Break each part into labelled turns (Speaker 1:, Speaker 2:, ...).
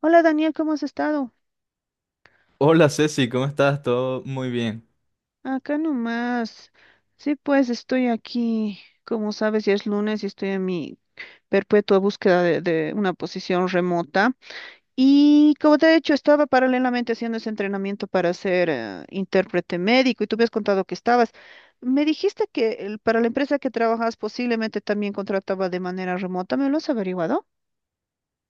Speaker 1: Hola Daniel, ¿cómo has estado?
Speaker 2: Hola Ceci, ¿cómo estás? Todo muy bien.
Speaker 1: Acá nomás. Sí, pues estoy aquí, como sabes, ya es lunes y estoy en mi perpetua búsqueda de una posición remota. Y como te he dicho, estaba paralelamente haciendo ese entrenamiento para ser intérprete médico y tú me has contado que estabas. Me dijiste que para la empresa que trabajas posiblemente también contrataba de manera remota. ¿Me lo has averiguado?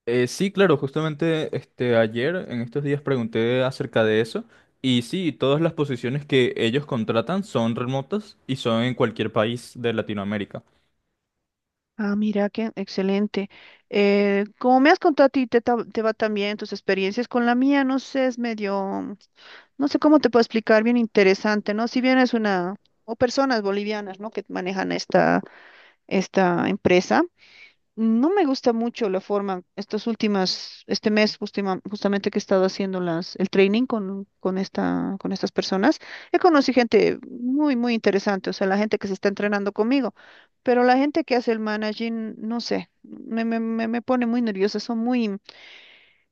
Speaker 2: Sí, claro, justamente ayer en estos días pregunté acerca de eso y sí, todas las posiciones que ellos contratan son remotas y son en cualquier país de Latinoamérica.
Speaker 1: Ah, mira, qué excelente. Como me has contado a ti, te va también tus experiencias con la mía, no sé, es medio, no sé cómo te puedo explicar, bien interesante, ¿no? Si bien es una, o personas bolivianas, ¿no? Que manejan esta empresa. No me gusta mucho la forma, estas últimas, este mes justamente que he estado haciendo el training con estas personas, he conocido gente muy, muy interesante, o sea, la gente que se está entrenando conmigo, pero la gente que hace el managing, no sé, me pone muy nerviosa, son muy,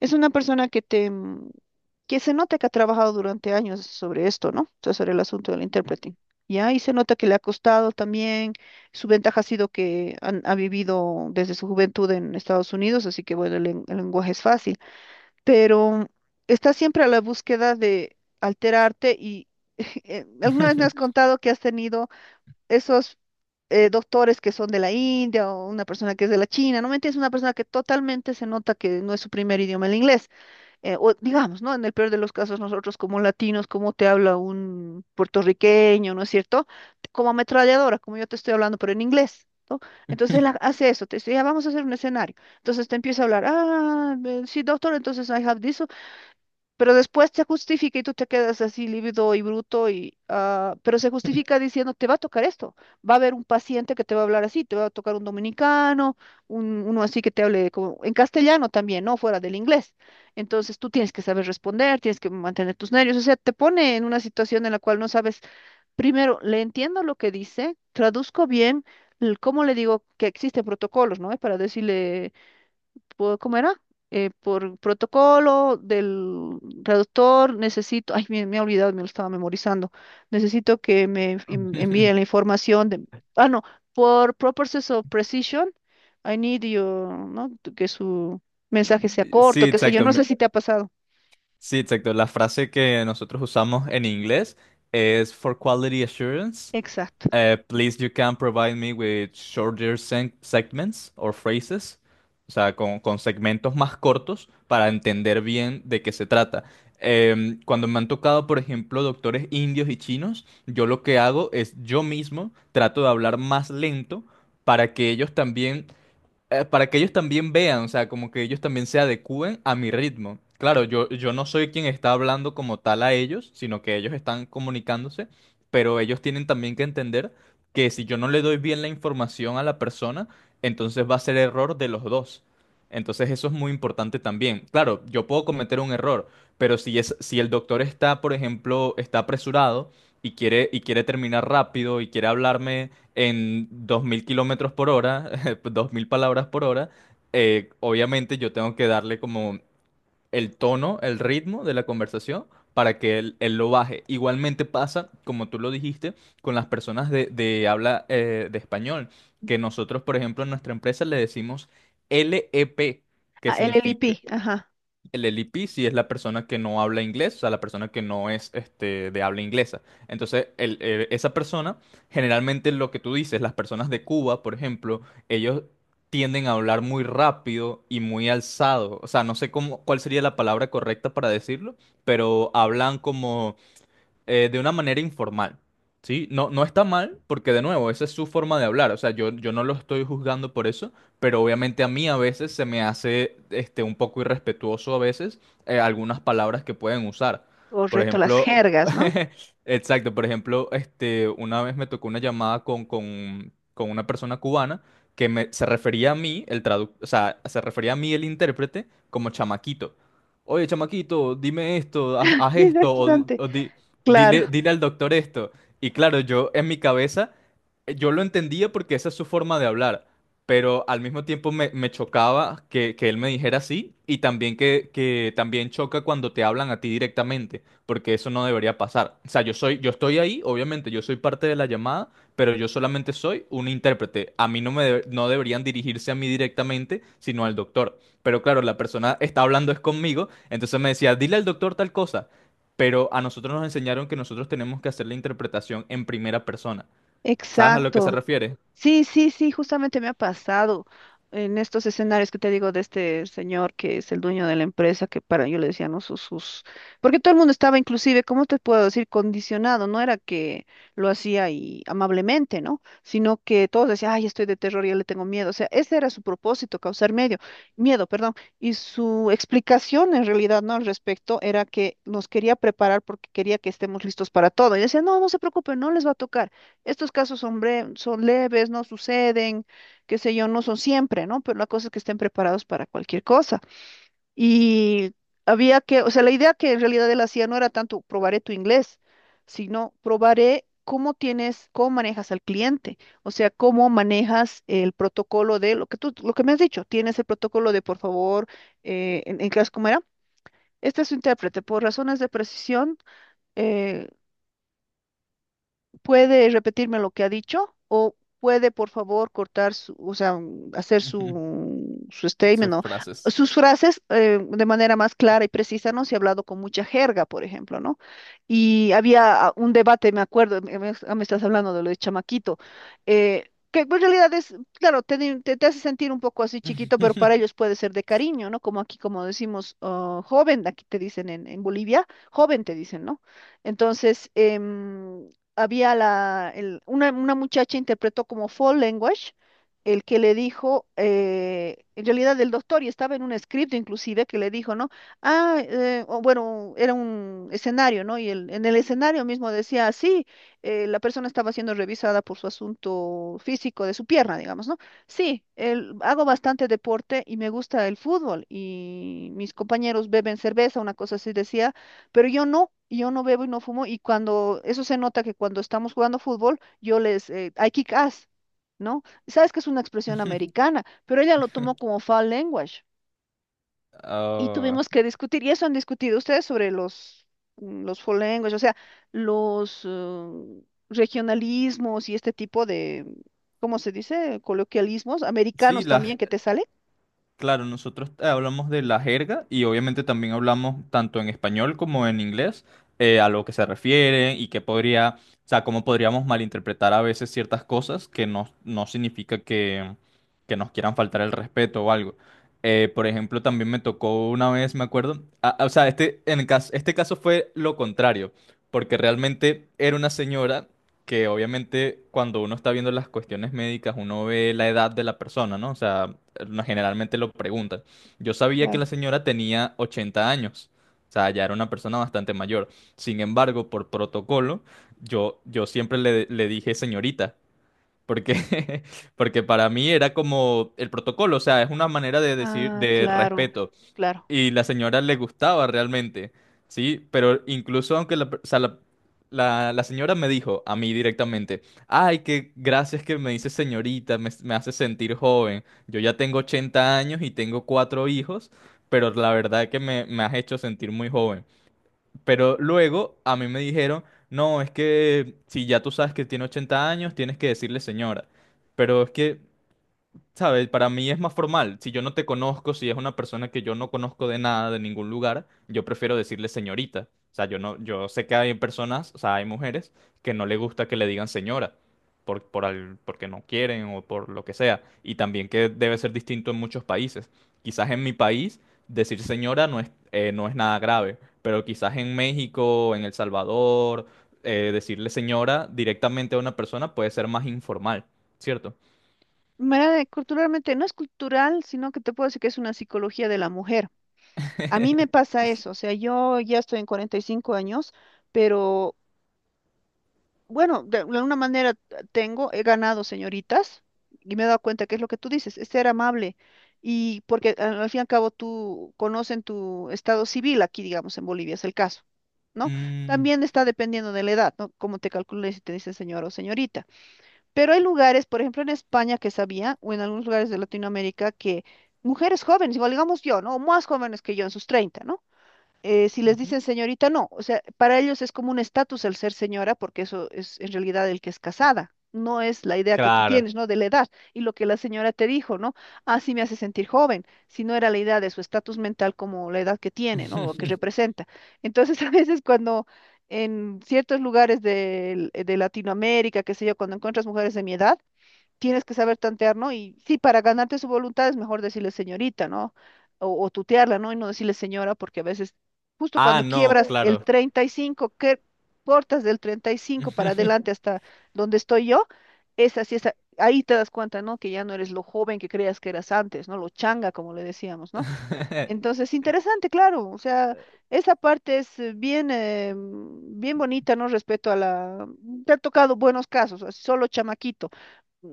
Speaker 1: es una persona que se nota que ha trabajado durante años sobre esto, ¿no? O sea, sobre el asunto del interpreting. Ya, y se nota que le ha costado también. Su ventaja ha sido que ha vivido desde su juventud en Estados Unidos, así que bueno, el lenguaje es fácil. Pero está siempre a la búsqueda de alterarte y alguna vez me has contado que has tenido esos doctores que son de la India o una persona que es de la China, ¿no me entiendes? Una persona que totalmente se nota que no es su primer idioma el inglés, o digamos, ¿no? En el peor de los casos, nosotros como latinos, como te habla un puertorriqueño, ¿no es cierto? Como ametralladora, como yo te estoy hablando, pero en inglés, ¿no? Entonces él hace eso, te dice, ya vamos a hacer un escenario. Entonces te empieza a hablar, ah, sí, doctor, entonces I have this. Pero después se justifica y tú te quedas así lívido y bruto y ah, pero se justifica diciendo, te va a tocar esto, va a haber un paciente que te va a hablar así, te va a tocar un dominicano, uno así que te hable como en castellano también, no fuera del inglés. Entonces tú tienes que saber responder, tienes que mantener tus nervios, o sea, te pone en una situación en la cual no sabes, primero, le entiendo lo que dice, traduzco bien, cómo le digo que existen protocolos, ¿no? Para decirle ¿cómo era? Por protocolo del traductor, necesito, ay, me he olvidado, me lo estaba memorizando, necesito que me envíen la información de, ah, no, por purposes of precision, I need your, ¿no? Que su mensaje sea
Speaker 2: Sí,
Speaker 1: corto, qué sé yo,
Speaker 2: exacto.
Speaker 1: no sé si te ha pasado.
Speaker 2: Sí, exacto. La frase que nosotros usamos en inglés es for quality assurance.
Speaker 1: Exacto.
Speaker 2: Please, you can provide me with shorter segments or phrases. O sea, con segmentos más cortos para entender bien de qué se trata. Cuando me han tocado, por ejemplo, doctores indios y chinos, yo lo que hago es yo mismo trato de hablar más lento para que ellos también para que ellos también vean, o sea, como que ellos también se adecúen a mi ritmo. Claro, yo no soy quien está hablando como tal a ellos, sino que ellos están comunicándose, pero ellos tienen también que entender que si yo no le doy bien la información a la persona, entonces va a ser error de los dos. Entonces eso es muy importante también. Claro, yo puedo cometer un error, pero si el doctor está, por ejemplo, está apresurado y quiere terminar rápido y quiere hablarme en 2000 kilómetros por hora, 2000 palabras por hora. Obviamente yo tengo que darle como el tono, el ritmo de la conversación para que él lo baje. Igualmente pasa, como tú lo dijiste, con las personas de habla de español, que nosotros, por ejemplo, en nuestra empresa le decimos LEP, que
Speaker 1: Ah, el L I
Speaker 2: significa
Speaker 1: P ajá,
Speaker 2: el LP, sí, es la persona que no habla inglés, o sea, la persona que no es de habla inglesa. Entonces, esa persona, generalmente lo que tú dices, las personas de Cuba, por ejemplo, ellos tienden a hablar muy rápido y muy alzado. O sea, no sé cómo, cuál sería la palabra correcta para decirlo, pero hablan como de una manera informal. ¿Sí? No, no está mal, porque de nuevo, esa es su forma de hablar, o sea, yo no lo estoy juzgando por eso, pero obviamente a mí a veces se me hace un poco irrespetuoso a veces algunas palabras que pueden usar. Por
Speaker 1: correcto, las
Speaker 2: ejemplo,
Speaker 1: jergas, ¿no?
Speaker 2: exacto, por ejemplo, una vez me tocó una llamada con una persona cubana que se refería a mí, o sea, se refería a mí el intérprete como chamaquito. Oye, chamaquito, dime esto, haz, haz
Speaker 1: Qué
Speaker 2: esto, o, di-
Speaker 1: interesante.
Speaker 2: o di-
Speaker 1: Claro,
Speaker 2: dile, dile al doctor esto. Y claro, yo en mi cabeza, yo lo entendía porque esa es su forma de hablar, pero al mismo tiempo me chocaba que él me dijera así, y también que también choca cuando te hablan a ti directamente, porque eso no debería pasar. O sea, yo estoy ahí, obviamente, yo soy parte de la llamada, pero yo solamente soy un intérprete. A mí no deberían dirigirse a mí directamente, sino al doctor. Pero claro, la persona está hablando es conmigo, entonces me decía, dile al doctor tal cosa, pero a nosotros nos enseñaron que nosotros tenemos que hacer la interpretación en primera persona. ¿Sabes a lo que se
Speaker 1: exacto.
Speaker 2: refiere?
Speaker 1: Sí, sí, sí, justamente me ha pasado en estos escenarios que te digo de este señor que es el dueño de la empresa, que para yo le decía, no, sus, porque todo el mundo estaba inclusive, ¿cómo te puedo decir? Condicionado, no era que lo hacía y amablemente, ¿no? Sino que todos decían, ay, estoy de terror, ya le tengo miedo. O sea, ese era su propósito, causar medio, miedo, perdón. Y su explicación en realidad, ¿no? Al respecto, era que nos quería preparar porque quería que estemos listos para todo. Y decía, no, no se preocupen, no les va a tocar. Estos casos son leves, no suceden, qué sé yo, no son siempre, ¿no? Pero la cosa es que estén preparados para cualquier cosa. Y había que, o sea, la idea que en realidad él hacía no era tanto probaré tu inglés, sino probaré cómo tienes, cómo manejas al cliente, o sea, cómo manejas el protocolo de lo que tú, lo que me has dicho, tienes el protocolo de por favor, en, clase, ¿cómo era? Este es su intérprete, por razones de precisión, eh, ¿puede repetirme lo que ha dicho? ¿O puede, por favor, cortar o sea, hacer
Speaker 2: Ujú.
Speaker 1: su statement
Speaker 2: Sus
Speaker 1: o
Speaker 2: frases.
Speaker 1: sus frases, de manera más clara y precisa, ¿no? Si ha hablado con mucha jerga, por ejemplo, ¿no? Y había ah, un debate, me acuerdo, me estás hablando de lo de chamaquito, que en realidad es, claro, te hace sentir un poco así chiquito, pero para ellos puede ser de cariño, ¿no? Como aquí, como decimos, ah, joven, aquí te dicen en Bolivia, joven te dicen, ¿no? Entonces, había una muchacha interpretó como foul language, el que le dijo, en realidad el doctor, y estaba en un script inclusive, que le dijo, ¿no? Ah, o bueno, era un escenario, ¿no? Y en el escenario mismo decía: "Ah, sí, la persona estaba siendo revisada por su asunto físico de su pierna, digamos, ¿no? Sí, hago bastante deporte y me gusta el fútbol, y mis compañeros beben cerveza, una cosa así decía, pero yo no, y yo no bebo y no fumo y cuando eso se nota que cuando estamos jugando fútbol, yo les, I kick ass, ¿no?" Sabes que es una expresión americana, pero ella lo tomó como foul language y
Speaker 2: Ah,
Speaker 1: tuvimos que discutir, y eso han discutido ustedes sobre los foul language, o sea, los regionalismos y este tipo de, ¿cómo se dice? Coloquialismos
Speaker 2: sí.
Speaker 1: americanos
Speaker 2: las
Speaker 1: también que te sale.
Speaker 2: Claro, nosotros hablamos de la jerga y obviamente también hablamos tanto en español como en inglés, a lo que se refiere y que podría, o sea, cómo podríamos malinterpretar a veces ciertas cosas, que no significa que nos quieran faltar el respeto o algo. Por ejemplo, también me tocó una vez, me acuerdo, o sea, este caso fue lo contrario, porque realmente era una señora que obviamente cuando uno está viendo las cuestiones médicas, uno ve la edad de la persona, ¿no? O sea, generalmente lo preguntan. Yo sabía que la
Speaker 1: Claro.
Speaker 2: señora tenía 80 años, o sea, ya era una persona bastante mayor. Sin embargo, por protocolo, yo siempre le dije señorita. Porque, Porque para mí era como el protocolo, o sea, es una manera de decir
Speaker 1: Ah,
Speaker 2: de
Speaker 1: claro,
Speaker 2: respeto,
Speaker 1: claro.
Speaker 2: y la señora le gustaba realmente, ¿sí? Pero incluso aunque o sea, la señora me dijo a mí directamente, ay, que gracias que me dices señorita, me hace sentir joven. Yo ya tengo 80 años y tengo cuatro hijos, pero la verdad que me has hecho sentir muy joven. Pero luego a mí me dijeron, no, es que si ya tú sabes que tiene 80 años, tienes que decirle señora. Pero es que, ¿sabes? Para mí es más formal. Si yo no te conozco, si es una persona que yo no conozco de nada, de ningún lugar, yo prefiero decirle señorita. O sea, yo no, yo sé que hay personas, o sea, hay mujeres que no le gusta que le digan señora porque no quieren o por lo que sea. Y también que debe ser distinto en muchos países. Quizás en mi país decir señora no es, nada grave, pero quizás en México, en El Salvador, decirle señora directamente a una persona puede ser más informal, ¿cierto?
Speaker 1: Mira, culturalmente, no es cultural, sino que te puedo decir que es una psicología de la mujer. A mí me pasa eso, o sea, yo ya estoy en 45 años, pero bueno, de alguna manera tengo, he ganado señoritas y me he dado cuenta que es lo que tú dices, es ser amable. Y porque al fin y al cabo tú conocen tu estado civil aquí, digamos, en Bolivia es el caso, ¿no?
Speaker 2: Mm.
Speaker 1: También está dependiendo de la edad, ¿no? Cómo te calcules si te dicen señor o señorita. Pero hay lugares, por ejemplo en España que sabía, o en algunos lugares de Latinoamérica, que mujeres jóvenes, igual digamos yo, ¿no? O más jóvenes que yo, en sus 30, ¿no? Si les
Speaker 2: Ujú.
Speaker 1: dicen señorita, no, o sea, para ellos es como un estatus el ser señora, porque eso es en realidad el que es casada, no es la idea que tú
Speaker 2: Claro.
Speaker 1: tienes, ¿no? De la edad y lo que la señora te dijo, ¿no? Ah, sí, me hace sentir joven, si no era la idea de su estatus mental como la edad que tiene, ¿no? O que representa. Entonces, a veces cuando en ciertos lugares de, Latinoamérica, qué sé yo, cuando encuentras mujeres de mi edad, tienes que saber tantear, ¿no? Y sí, para ganarte su voluntad es mejor decirle señorita, ¿no? O tutearla, ¿no? Y no decirle señora, porque a veces, justo
Speaker 2: Ah,
Speaker 1: cuando
Speaker 2: no,
Speaker 1: quiebras el
Speaker 2: claro.
Speaker 1: 35, que cortas del 35 para adelante hasta donde estoy yo, esa sí, esa, ahí te das cuenta, ¿no? Que ya no eres lo joven que creías que eras antes, ¿no? Lo changa, como le decíamos, ¿no? Entonces, interesante, claro, o sea, esa parte es bien bonita, ¿no? Respecto a la... Te ha tocado buenos casos, solo chamaquito.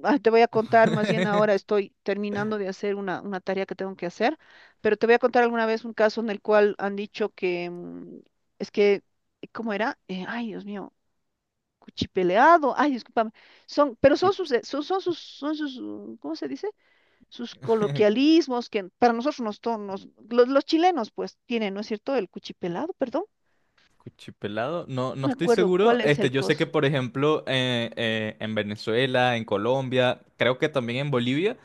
Speaker 1: Ah, te voy a contar, más bien ahora estoy terminando de hacer una tarea que tengo que hacer, pero te voy a contar alguna vez un caso en el cual han dicho que es que, ¿cómo era? Ay, Dios mío, cuchipeleado, ay, discúlpame, pero son sus,
Speaker 2: Cuch-
Speaker 1: son, son sus, ¿Cómo se dice? Sus coloquialismos que para nosotros nos, to- nos- los chilenos pues tienen, ¿no es cierto? El cuchipelado, perdón,
Speaker 2: Cuchipelado, no,
Speaker 1: no
Speaker 2: no
Speaker 1: me
Speaker 2: estoy
Speaker 1: acuerdo
Speaker 2: seguro.
Speaker 1: cuál es el
Speaker 2: Yo sé que,
Speaker 1: coso.
Speaker 2: por ejemplo, en Venezuela, en Colombia, creo que también en Bolivia,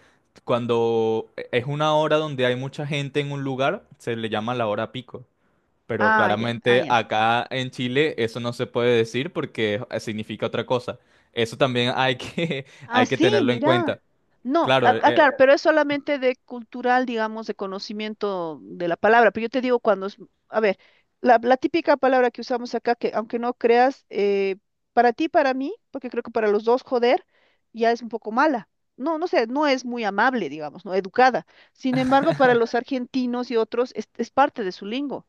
Speaker 2: cuando es una hora donde hay mucha gente en un lugar, se le llama la hora pico. Pero
Speaker 1: Ah, ya, ah,
Speaker 2: claramente
Speaker 1: ya.
Speaker 2: acá en Chile eso no se puede decir porque significa otra cosa. Eso también
Speaker 1: Ah,
Speaker 2: hay que
Speaker 1: sí,
Speaker 2: tenerlo en
Speaker 1: mira.
Speaker 2: cuenta.
Speaker 1: No,
Speaker 2: Claro,
Speaker 1: ah, claro, pero es solamente de cultural, digamos, de conocimiento de la palabra. Pero yo te digo cuando es, a ver, la típica palabra que usamos acá, que aunque no creas, para ti, para mí, porque creo que para los dos, joder, ya es un poco mala. No, no sé, no es muy amable, digamos, no educada. Sin embargo, para los argentinos y otros, es parte de su lingo.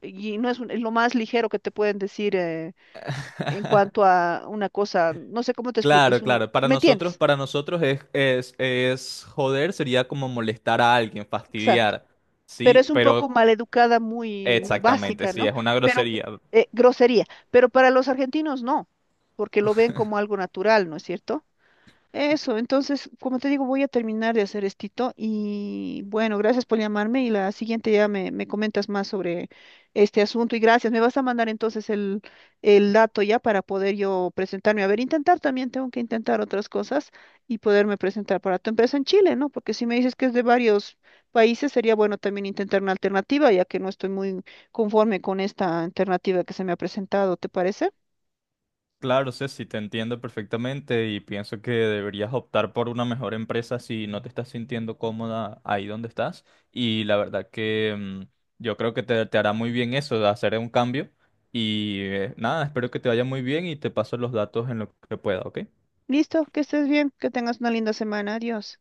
Speaker 1: Y no es, es lo más ligero que te pueden decir, en cuanto a una cosa, no sé cómo te explico, es
Speaker 2: claro,
Speaker 1: un,
Speaker 2: claro. Para
Speaker 1: ¿me
Speaker 2: nosotros,
Speaker 1: entiendes?
Speaker 2: para nosotros es joder, sería como molestar a alguien,
Speaker 1: Exacto.
Speaker 2: fastidiar.
Speaker 1: Pero
Speaker 2: Sí,
Speaker 1: es un poco
Speaker 2: pero
Speaker 1: maleducada, muy, muy
Speaker 2: exactamente,
Speaker 1: básica,
Speaker 2: sí,
Speaker 1: ¿no?
Speaker 2: es una
Speaker 1: Pero,
Speaker 2: grosería.
Speaker 1: grosería. Pero para los argentinos no, porque lo ven como algo natural, ¿no es cierto? Eso, entonces, como te digo, voy a terminar de hacer estito y bueno, gracias por llamarme y la siguiente ya me comentas más sobre este asunto y gracias. Me vas a mandar entonces el dato ya para poder yo presentarme. A ver, intentar también, tengo que intentar otras cosas y poderme presentar para tu empresa en Chile, ¿no? Porque si me dices que es de varios países, sería bueno también intentar una alternativa, ya que no estoy muy conforme con esta alternativa que se me ha presentado, ¿te parece?
Speaker 2: Claro, Ceci, te entiendo perfectamente y pienso que deberías optar por una mejor empresa si no te estás sintiendo cómoda ahí donde estás. Y la verdad que yo creo que te hará muy bien eso, de hacer un cambio. Y nada, espero que te vaya muy bien y te paso los datos en lo que pueda, ¿ok?
Speaker 1: Listo, que estés bien, que tengas una linda semana. Adiós.